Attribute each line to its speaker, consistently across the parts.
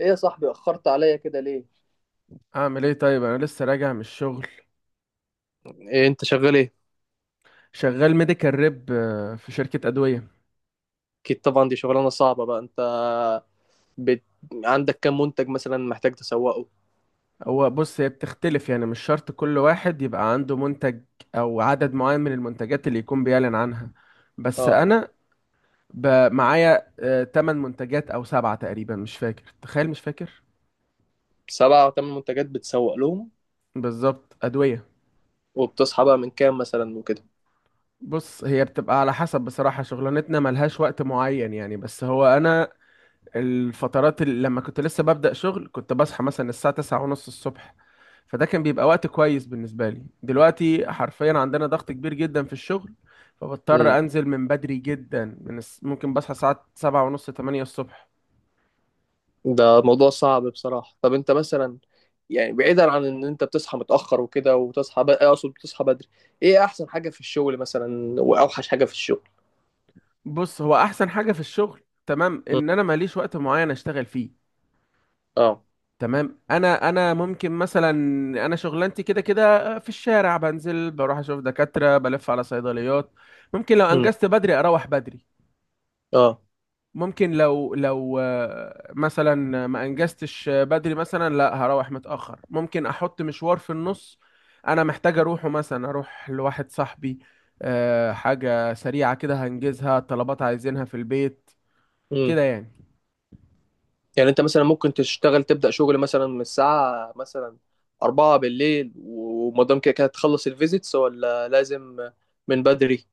Speaker 1: ايه يا صاحبي اخرت عليا كده ليه؟
Speaker 2: اعمل ايه طيب، انا لسه راجع من الشغل.
Speaker 1: إيه انت شغال ايه؟
Speaker 2: شغال ميديكال ريب في شركة ادوية.
Speaker 1: اكيد طبعا، دي شغلانه صعبه. بقى انت بت... عندك كام منتج مثلا محتاج تسوقه؟
Speaker 2: هو بص، هي بتختلف يعني، مش شرط كل واحد يبقى عنده منتج او عدد معين من المنتجات اللي يكون بيعلن عنها. بس
Speaker 1: اه،
Speaker 2: انا معايا 8 منتجات او سبعة تقريبا، مش فاكر، تخيل، مش فاكر.
Speaker 1: سبعة او ثمان منتجات بتسوق لهم.
Speaker 2: بالظبط، ادوية.
Speaker 1: وبتصحى بقى من كام مثلا وكده؟
Speaker 2: بص، هي بتبقى على حسب، بصراحة شغلانتنا ملهاش وقت معين يعني، بس هو انا الفترات اللي لما كنت لسه ببدأ شغل كنت بصحى مثلا الساعة تسعة ونص الصبح. فده كان بيبقى وقت كويس بالنسبة لي. دلوقتي حرفيا عندنا ضغط كبير جدا في الشغل،
Speaker 1: امم،
Speaker 2: فبضطر انزل من بدري جدا ممكن بصحى الساعة سبعة ونص تمانية الصبح.
Speaker 1: ده موضوع صعب بصراحه. طب انت مثلا، يعني بعيدا عن ان انت بتصحى متاخر وكده، وتصحى ب... اقصد بتصحى بدري، ايه احسن حاجه في الشغل مثلا واوحش حاجه في الشغل؟
Speaker 2: بص، هو احسن حاجة في الشغل تمام
Speaker 1: امم.
Speaker 2: ان انا ماليش وقت معين اشتغل فيه.
Speaker 1: اه.
Speaker 2: تمام. انا ممكن مثلا، انا شغلانتي كده كده في الشارع، بنزل بروح اشوف دكاترة بلف على صيدليات. ممكن لو
Speaker 1: امم.
Speaker 2: انجزت بدري اروح بدري.
Speaker 1: اه.
Speaker 2: ممكن لو مثلا ما انجزتش بدري، مثلا لا هروح متأخر، ممكن احط مشوار في النص انا محتاج اروحه، مثلا اروح لواحد صاحبي، حاجة سريعة كده هنجزها، طلبات عايزينها في البيت،
Speaker 1: امم.
Speaker 2: كده يعني.
Speaker 1: يعني انت مثلا ممكن تشتغل، تبدأ شغل مثلا من الساعة مثلا أربعة بالليل ومدام كده كده تخلص الفيزيتس، ولا لازم من بدري؟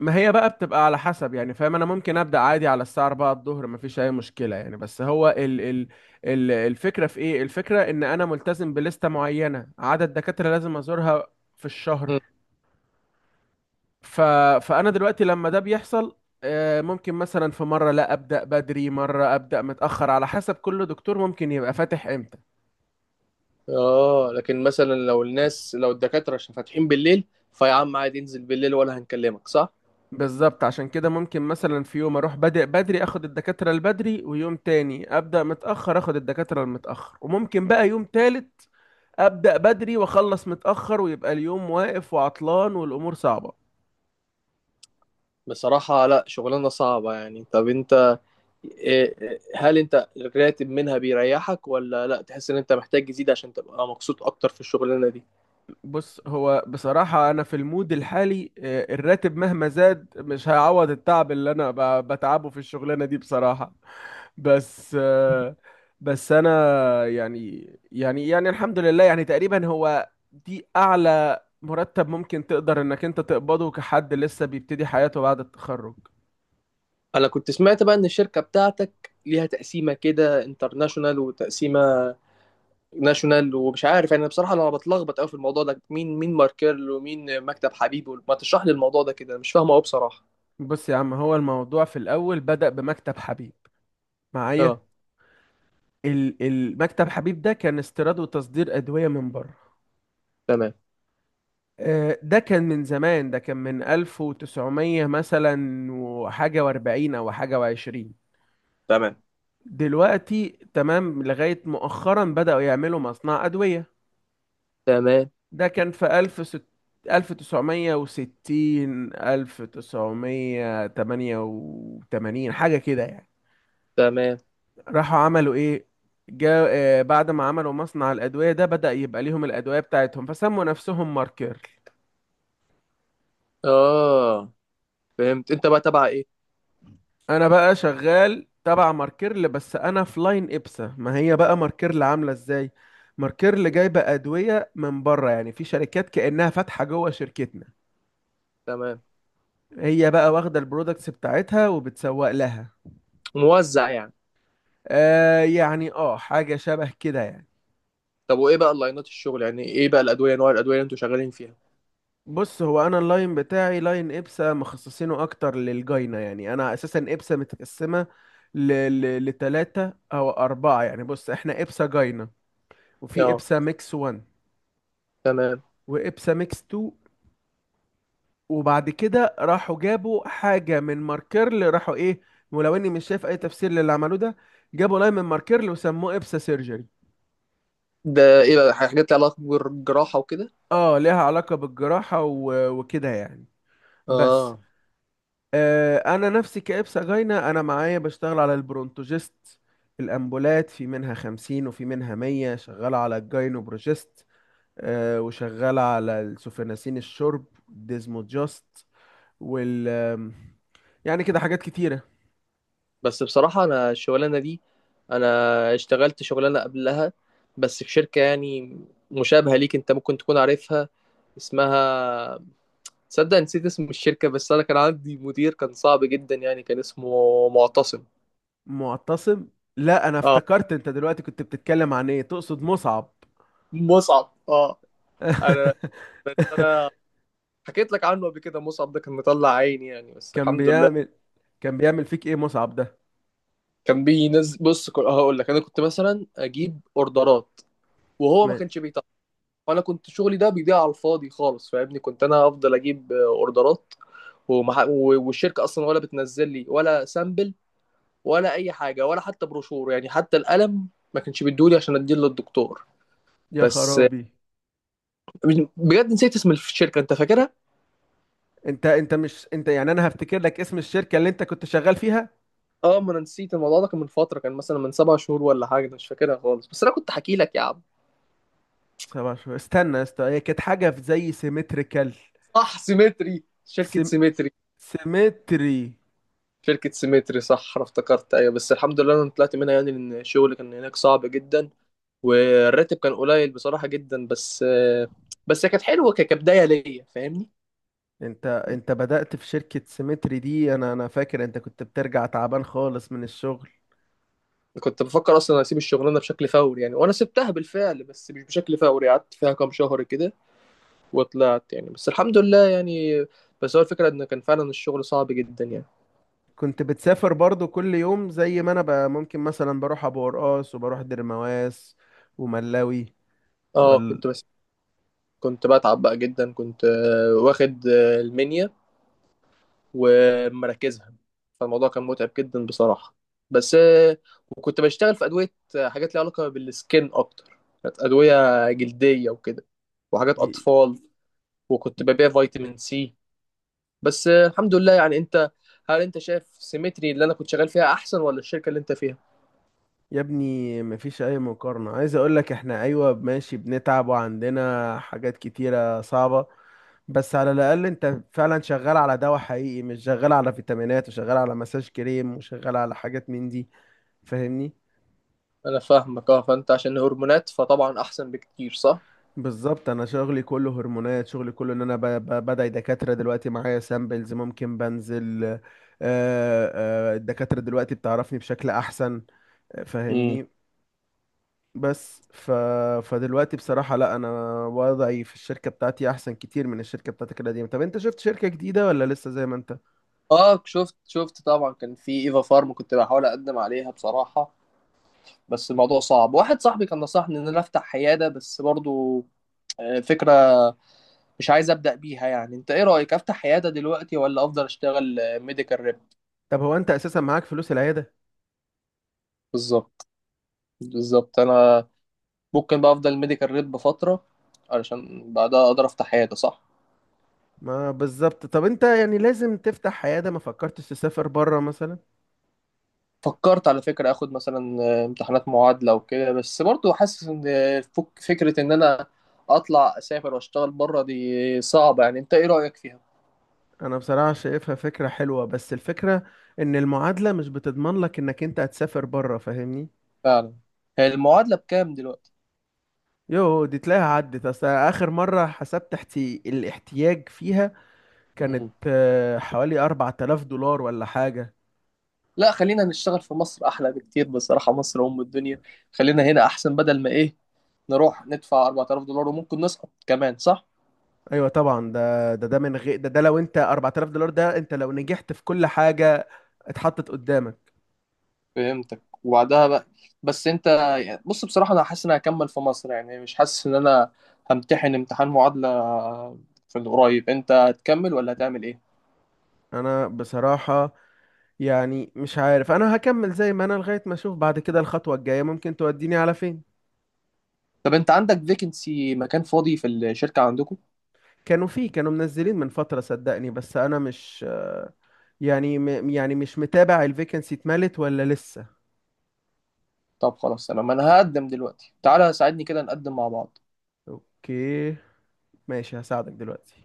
Speaker 2: ما هي بقى بتبقى على حسب يعني، فاهم؟ انا ممكن ابدا عادي على الساعة 4 الظهر، مفيش اي مشكلة يعني، بس هو ال الفكرة في ايه، الفكرة ان انا ملتزم بلستة معينة، عدد دكاترة لازم ازورها في الشهر.
Speaker 1: مم.
Speaker 2: ف... فانا دلوقتي لما ده بيحصل، ممكن مثلا في مره لا ابدا بدري، مره ابدا متاخر، على حسب كل دكتور ممكن يبقى فاتح امتى.
Speaker 1: اه، لكن مثلا لو الناس، لو الدكاترة عشان فاتحين بالليل، فيا عم عادي انزل بالليل ولا، هنكلمك، صح؟
Speaker 2: بالظبط، عشان كده ممكن مثلا في يوم اروح بادئ بدري اخد الدكاتره البدري، ويوم تاني ابدا متاخر اخد الدكاتره المتاخر، وممكن بقى يوم تالت ابدا بدري واخلص متاخر، ويبقى اليوم واقف وعطلان والامور صعبه.
Speaker 1: بصراحة لا، شغلانة صعبة يعني. طب انت إيه- هل انت الراتب منها بيريحك ولا لا، تحس ان انت محتاج تزيد عشان تبقى مبسوط اكتر في الشغلانة دي؟
Speaker 2: بص، هو بصراحة أنا في المود الحالي الراتب مهما زاد مش هيعوض التعب اللي أنا بتعبه في الشغلانة دي بصراحة. بس آه، بس أنا يعني، يعني الحمد لله، يعني تقريبا هو دي أعلى مرتب ممكن تقدر إنك أنت تقبضه كحد لسه بيبتدي حياته بعد التخرج.
Speaker 1: انا كنت سمعت بقى ان الشركة بتاعتك ليها تقسيمة كده انترناشونال وتقسيمة ناشونال ومش عارف، يعني بصراحة انا بتلخبط قوي في الموضوع ده، مين مين ماركيرل ومين مكتب حبيب، ما تشرح لي الموضوع ده كده، مش فاهمه قوي بصراحة.
Speaker 2: بص يا عم، هو الموضوع في الأول بدأ بمكتب حبيب معايا.
Speaker 1: اه.
Speaker 2: المكتب حبيب ده كان استيراد وتصدير أدوية من بره.
Speaker 1: تمام.
Speaker 2: ده كان من زمان، ده كان من 1900 مثلا وحاجة واربعين، أو حاجة وعشرين.
Speaker 1: تمام.
Speaker 2: دلوقتي تمام، لغاية مؤخرا بدأوا يعملوا مصنع أدوية.
Speaker 1: تمام.
Speaker 2: ده كان في ألف تسعمية وستين، ألف تسعمية تمانية وتمانين، حاجة كده يعني.
Speaker 1: تمام.
Speaker 2: راحوا عملوا إيه، جا بعد ما عملوا مصنع الأدوية ده بدأ يبقى ليهم الأدوية بتاعتهم، فسموا نفسهم ماركر.
Speaker 1: اه، فهمت. انت بقى تبع ايه؟
Speaker 2: انا بقى شغال تبع ماركيرل، بس انا في لاين ابسا. ما هي بقى ماركيرل عامله ازاي، ماركيرل جايبه ادويه من بره، يعني في شركات كانها فاتحه جوه شركتنا.
Speaker 1: تمام.
Speaker 2: هي بقى واخده البرودكتس بتاعتها وبتسوق لها.
Speaker 1: موزع يعني؟
Speaker 2: آه يعني، اه، حاجه شبه كده يعني.
Speaker 1: طب وايه بقى اللاينات الشغل، يعني ايه بقى الادويه، انواع الادويه اللي انتوا شغالين فيها؟
Speaker 2: بص، هو انا اللاين بتاعي لاين ابسا، مخصصينه اكتر للجاينه يعني. انا اساسا ابسا متقسمه لتلاتة او اربعه يعني. بص، احنا ابسا جاينه، وفي
Speaker 1: اه.
Speaker 2: ابسا ميكس 1،
Speaker 1: تمام.
Speaker 2: وابسا ميكس 2. وبعد كده راحوا جابوا حاجة من ماركيرل، راحوا ايه، ولو اني مش شايف اي تفسير للي عملوه ده، جابوا لاين من ماركيرل وسموه ابسا سيرجري.
Speaker 1: ده ايه بقى، حاجات لها علاقه بالجراحه وكده؟
Speaker 2: اه، ليها علاقة بالجراحة وكده يعني، بس
Speaker 1: اه.
Speaker 2: انا نفسي كابسا جاينة. انا معايا بشتغل على البرونتوجيست، الامبولات في منها خمسين وفي منها مية، شغالة على الجاينوبروجيست، وشغالة على السوفيناسين الشرب ديزموجاست، وال آم، يعني كده حاجات كتيرة.
Speaker 1: بس بصراحة أنا الشغلانة دي، أنا اشتغلت شغلانة قبلها بس في شركة يعني مشابهة ليك، أنت ممكن تكون عارفها، اسمها، تصدق نسيت اسم الشركة، بس أنا كان عندي مدير كان صعب جدا، يعني كان اسمه معتصم.
Speaker 2: معتصم؟ لا، انا
Speaker 1: اه،
Speaker 2: افتكرت انت دلوقتي كنت بتتكلم عن ايه، تقصد مصعب.
Speaker 1: مصعب، اه. أنا، أنا حكيت لك عنه قبل كده، مصعب ده كان مطلع عيني يعني، بس
Speaker 2: كان
Speaker 1: الحمد لله.
Speaker 2: بيعمل كان بيعمل فيك ايه مصعب ده؟
Speaker 1: كان بينزل، بص هقول لك، أنا كنت مثلا أجيب أوردرات وهو ما
Speaker 2: ما...
Speaker 1: كانش بيطلع، وانا كنت شغلي ده بيضيع على الفاضي خالص، فاهمني، كنت انا افضل اجيب، اوردرات، والشركه اصلا ولا بتنزل لي ولا سامبل ولا اي حاجه ولا حتى بروشور، يعني حتى القلم ما كانش بيدولي عشان اديه للدكتور.
Speaker 2: يا
Speaker 1: بس آه،
Speaker 2: خرابي.
Speaker 1: بجد نسيت اسم الشركه، انت فاكرها؟
Speaker 2: انت مش انت يعني، انا هفتكر لك اسم الشركة اللي انت كنت شغال فيها.
Speaker 1: اه، ما انا نسيت الموضوع ده، كان من فتره، كان مثلا من سبع شهور ولا حاجه، أنا مش فاكرها خالص، بس انا كنت حكي لك يا عم.
Speaker 2: سبع شهور؟ استنى يا اسطى، هي كانت حاجة في زي سيمتريكال.
Speaker 1: صح، سيمتري، شركه
Speaker 2: سيم...
Speaker 1: سيمتري،
Speaker 2: سيمتري.
Speaker 1: شركة سيمتري، صح أنا افتكرت، أيوة. بس الحمد لله أنا طلعت منها يعني، لأن الشغل كان هناك صعب جدا، والراتب كان قليل بصراحة جدا. بس، بس هي كانت حلوة كبداية ليا، فاهمني.
Speaker 2: انت بدأت في شركة سيمتري دي، انا فاكر انت كنت بترجع تعبان خالص من الشغل.
Speaker 1: كنت بفكر اصلا اسيب الشغلانه بشكل فوري يعني، وانا سبتها بالفعل بس مش بشكل فوري، قعدت فيها كام شهر كده وطلعت يعني، بس الحمد لله يعني. بس هو الفكره ان كان فعلا الشغل صعب جدا يعني.
Speaker 2: كنت بتسافر برضو كل يوم زي ما انا بقى، ممكن مثلا بروح ابو قرقاص وبروح درمواس وملاوي
Speaker 1: اه،
Speaker 2: وال...
Speaker 1: كنت بتعب بقى جدا، كنت واخد المنيا ومراكزها، فالموضوع كان متعب جدا بصراحة. بس آه، وكنت بشتغل في أدوية، حاجات ليها علاقة بالسكين أكتر، كانت أدوية جلدية وكده، وحاجات
Speaker 2: ي-
Speaker 1: أطفال، وكنت
Speaker 2: ي-
Speaker 1: ببيع فيتامين سي. بس آه، الحمد لله يعني. أنت، هل أنت شايف سيمتري اللي أنا كنت شغال فيها أحسن ولا الشركة اللي أنت فيها؟
Speaker 2: يا ابني، مفيش اي مقارنة. عايز اقول لك احنا ايوه ماشي بنتعب وعندنا حاجات كتيرة صعبة، بس على الاقل انت فعلا شغال على دواء حقيقي، مش شغال على فيتامينات وشغال على مساج كريم وشغال على حاجات من دي، فاهمني؟
Speaker 1: أنا فاهمك أه. فأنت عشان هرمونات فطبعا أحسن بكتير، صح؟
Speaker 2: بالظبط، انا شغلي كله هرمونات. شغلي كله ان انا بدعي دكاتره، دلوقتي معايا سامبلز ممكن بنزل، الدكاتره دلوقتي بتعرفني بشكل احسن،
Speaker 1: امم.
Speaker 2: فاهمني؟ بس ف... فدلوقتي بصراحه لا، انا وضعي في الشركه بتاعتي احسن كتير من الشركه بتاعتك القديمه. طب انت شفت شركه جديده ولا لسه زي ما انت؟
Speaker 1: اه، شفت، شفت طبعا، كان في ايفا فارم كنت بحاول اقدم عليها بصراحه، بس الموضوع صعب. واحد صاحبي كان نصحني ان انا افتح عياده، بس برضو، فكره مش عايز ابدا بيها يعني. انت ايه رايك، افتح عياده دلوقتي ولا افضل اشتغل ميديكال ريب؟
Speaker 2: طب هو انت اساسا معاك فلوس العياده؟
Speaker 1: بالظبط، بالظبط. انا ممكن بقى افضل ميديكال ريب فتره علشان بعدها اقدر افتح عياده، صح.
Speaker 2: ما بالظبط. طب انت يعني لازم تفتح عياده؟ ما فكرتش تسافر بره مثلا؟
Speaker 1: فكرت على فكره، اخد مثلا امتحانات معادله وكده، بس برضو حاسس ان فكره ان انا اطلع اسافر واشتغل بره دي صعبه يعني. انت ايه رايك فيها؟
Speaker 2: انا بصراحة شايفها فكرة حلوة، بس الفكرة ان المعادلة مش بتضمن لك انك انت هتسافر بره، فاهمني؟
Speaker 1: فعلا. هي المعادله بكام دلوقتي؟
Speaker 2: يو دي تلاقيها عدت، اصل اخر مرة حسبت الاحتياج فيها كانت حوالي 4000 دولار ولا حاجة.
Speaker 1: لا، خلينا نشتغل في مصر، احلى بكتير بصراحه، مصر ام الدنيا، خلينا هنا احسن. بدل ما ايه، نروح ندفع $4000 وممكن نسقط كمان، صح.
Speaker 2: ايوه طبعا، ده ده من غير ده لو انت 4000 دولار ده انت لو نجحت في كل حاجة اتحطت قدامك.
Speaker 1: فهمتك. وبعدها بقى، بس انت، يعني بص بصراحه، انا حاسس ان أنا هكمل في مصر، يعني مش حاسس ان انا همتحن امتحان معادله في القريب. انت هتكمل ولا هتعمل ايه؟
Speaker 2: انا بصراحة يعني مش عارف، انا هكمل زي ما انا لغاية ما اشوف بعد كده الخطوة الجاية ممكن توديني على فين.
Speaker 1: طب انت عندك فيكنسي، مكان فاضي في الشركه عندكم؟
Speaker 2: كانوا فيه، كانوا منزلين من فترة صدقني، بس انا مش يعني يعني مش متابع الفيكنسي اتملت ولا لسه.
Speaker 1: طب خلاص، تمام، انا هقدم دلوقتي، تعالى ساعدني كده نقدم مع بعض.
Speaker 2: اوكي، ماشي، هساعدك دلوقتي.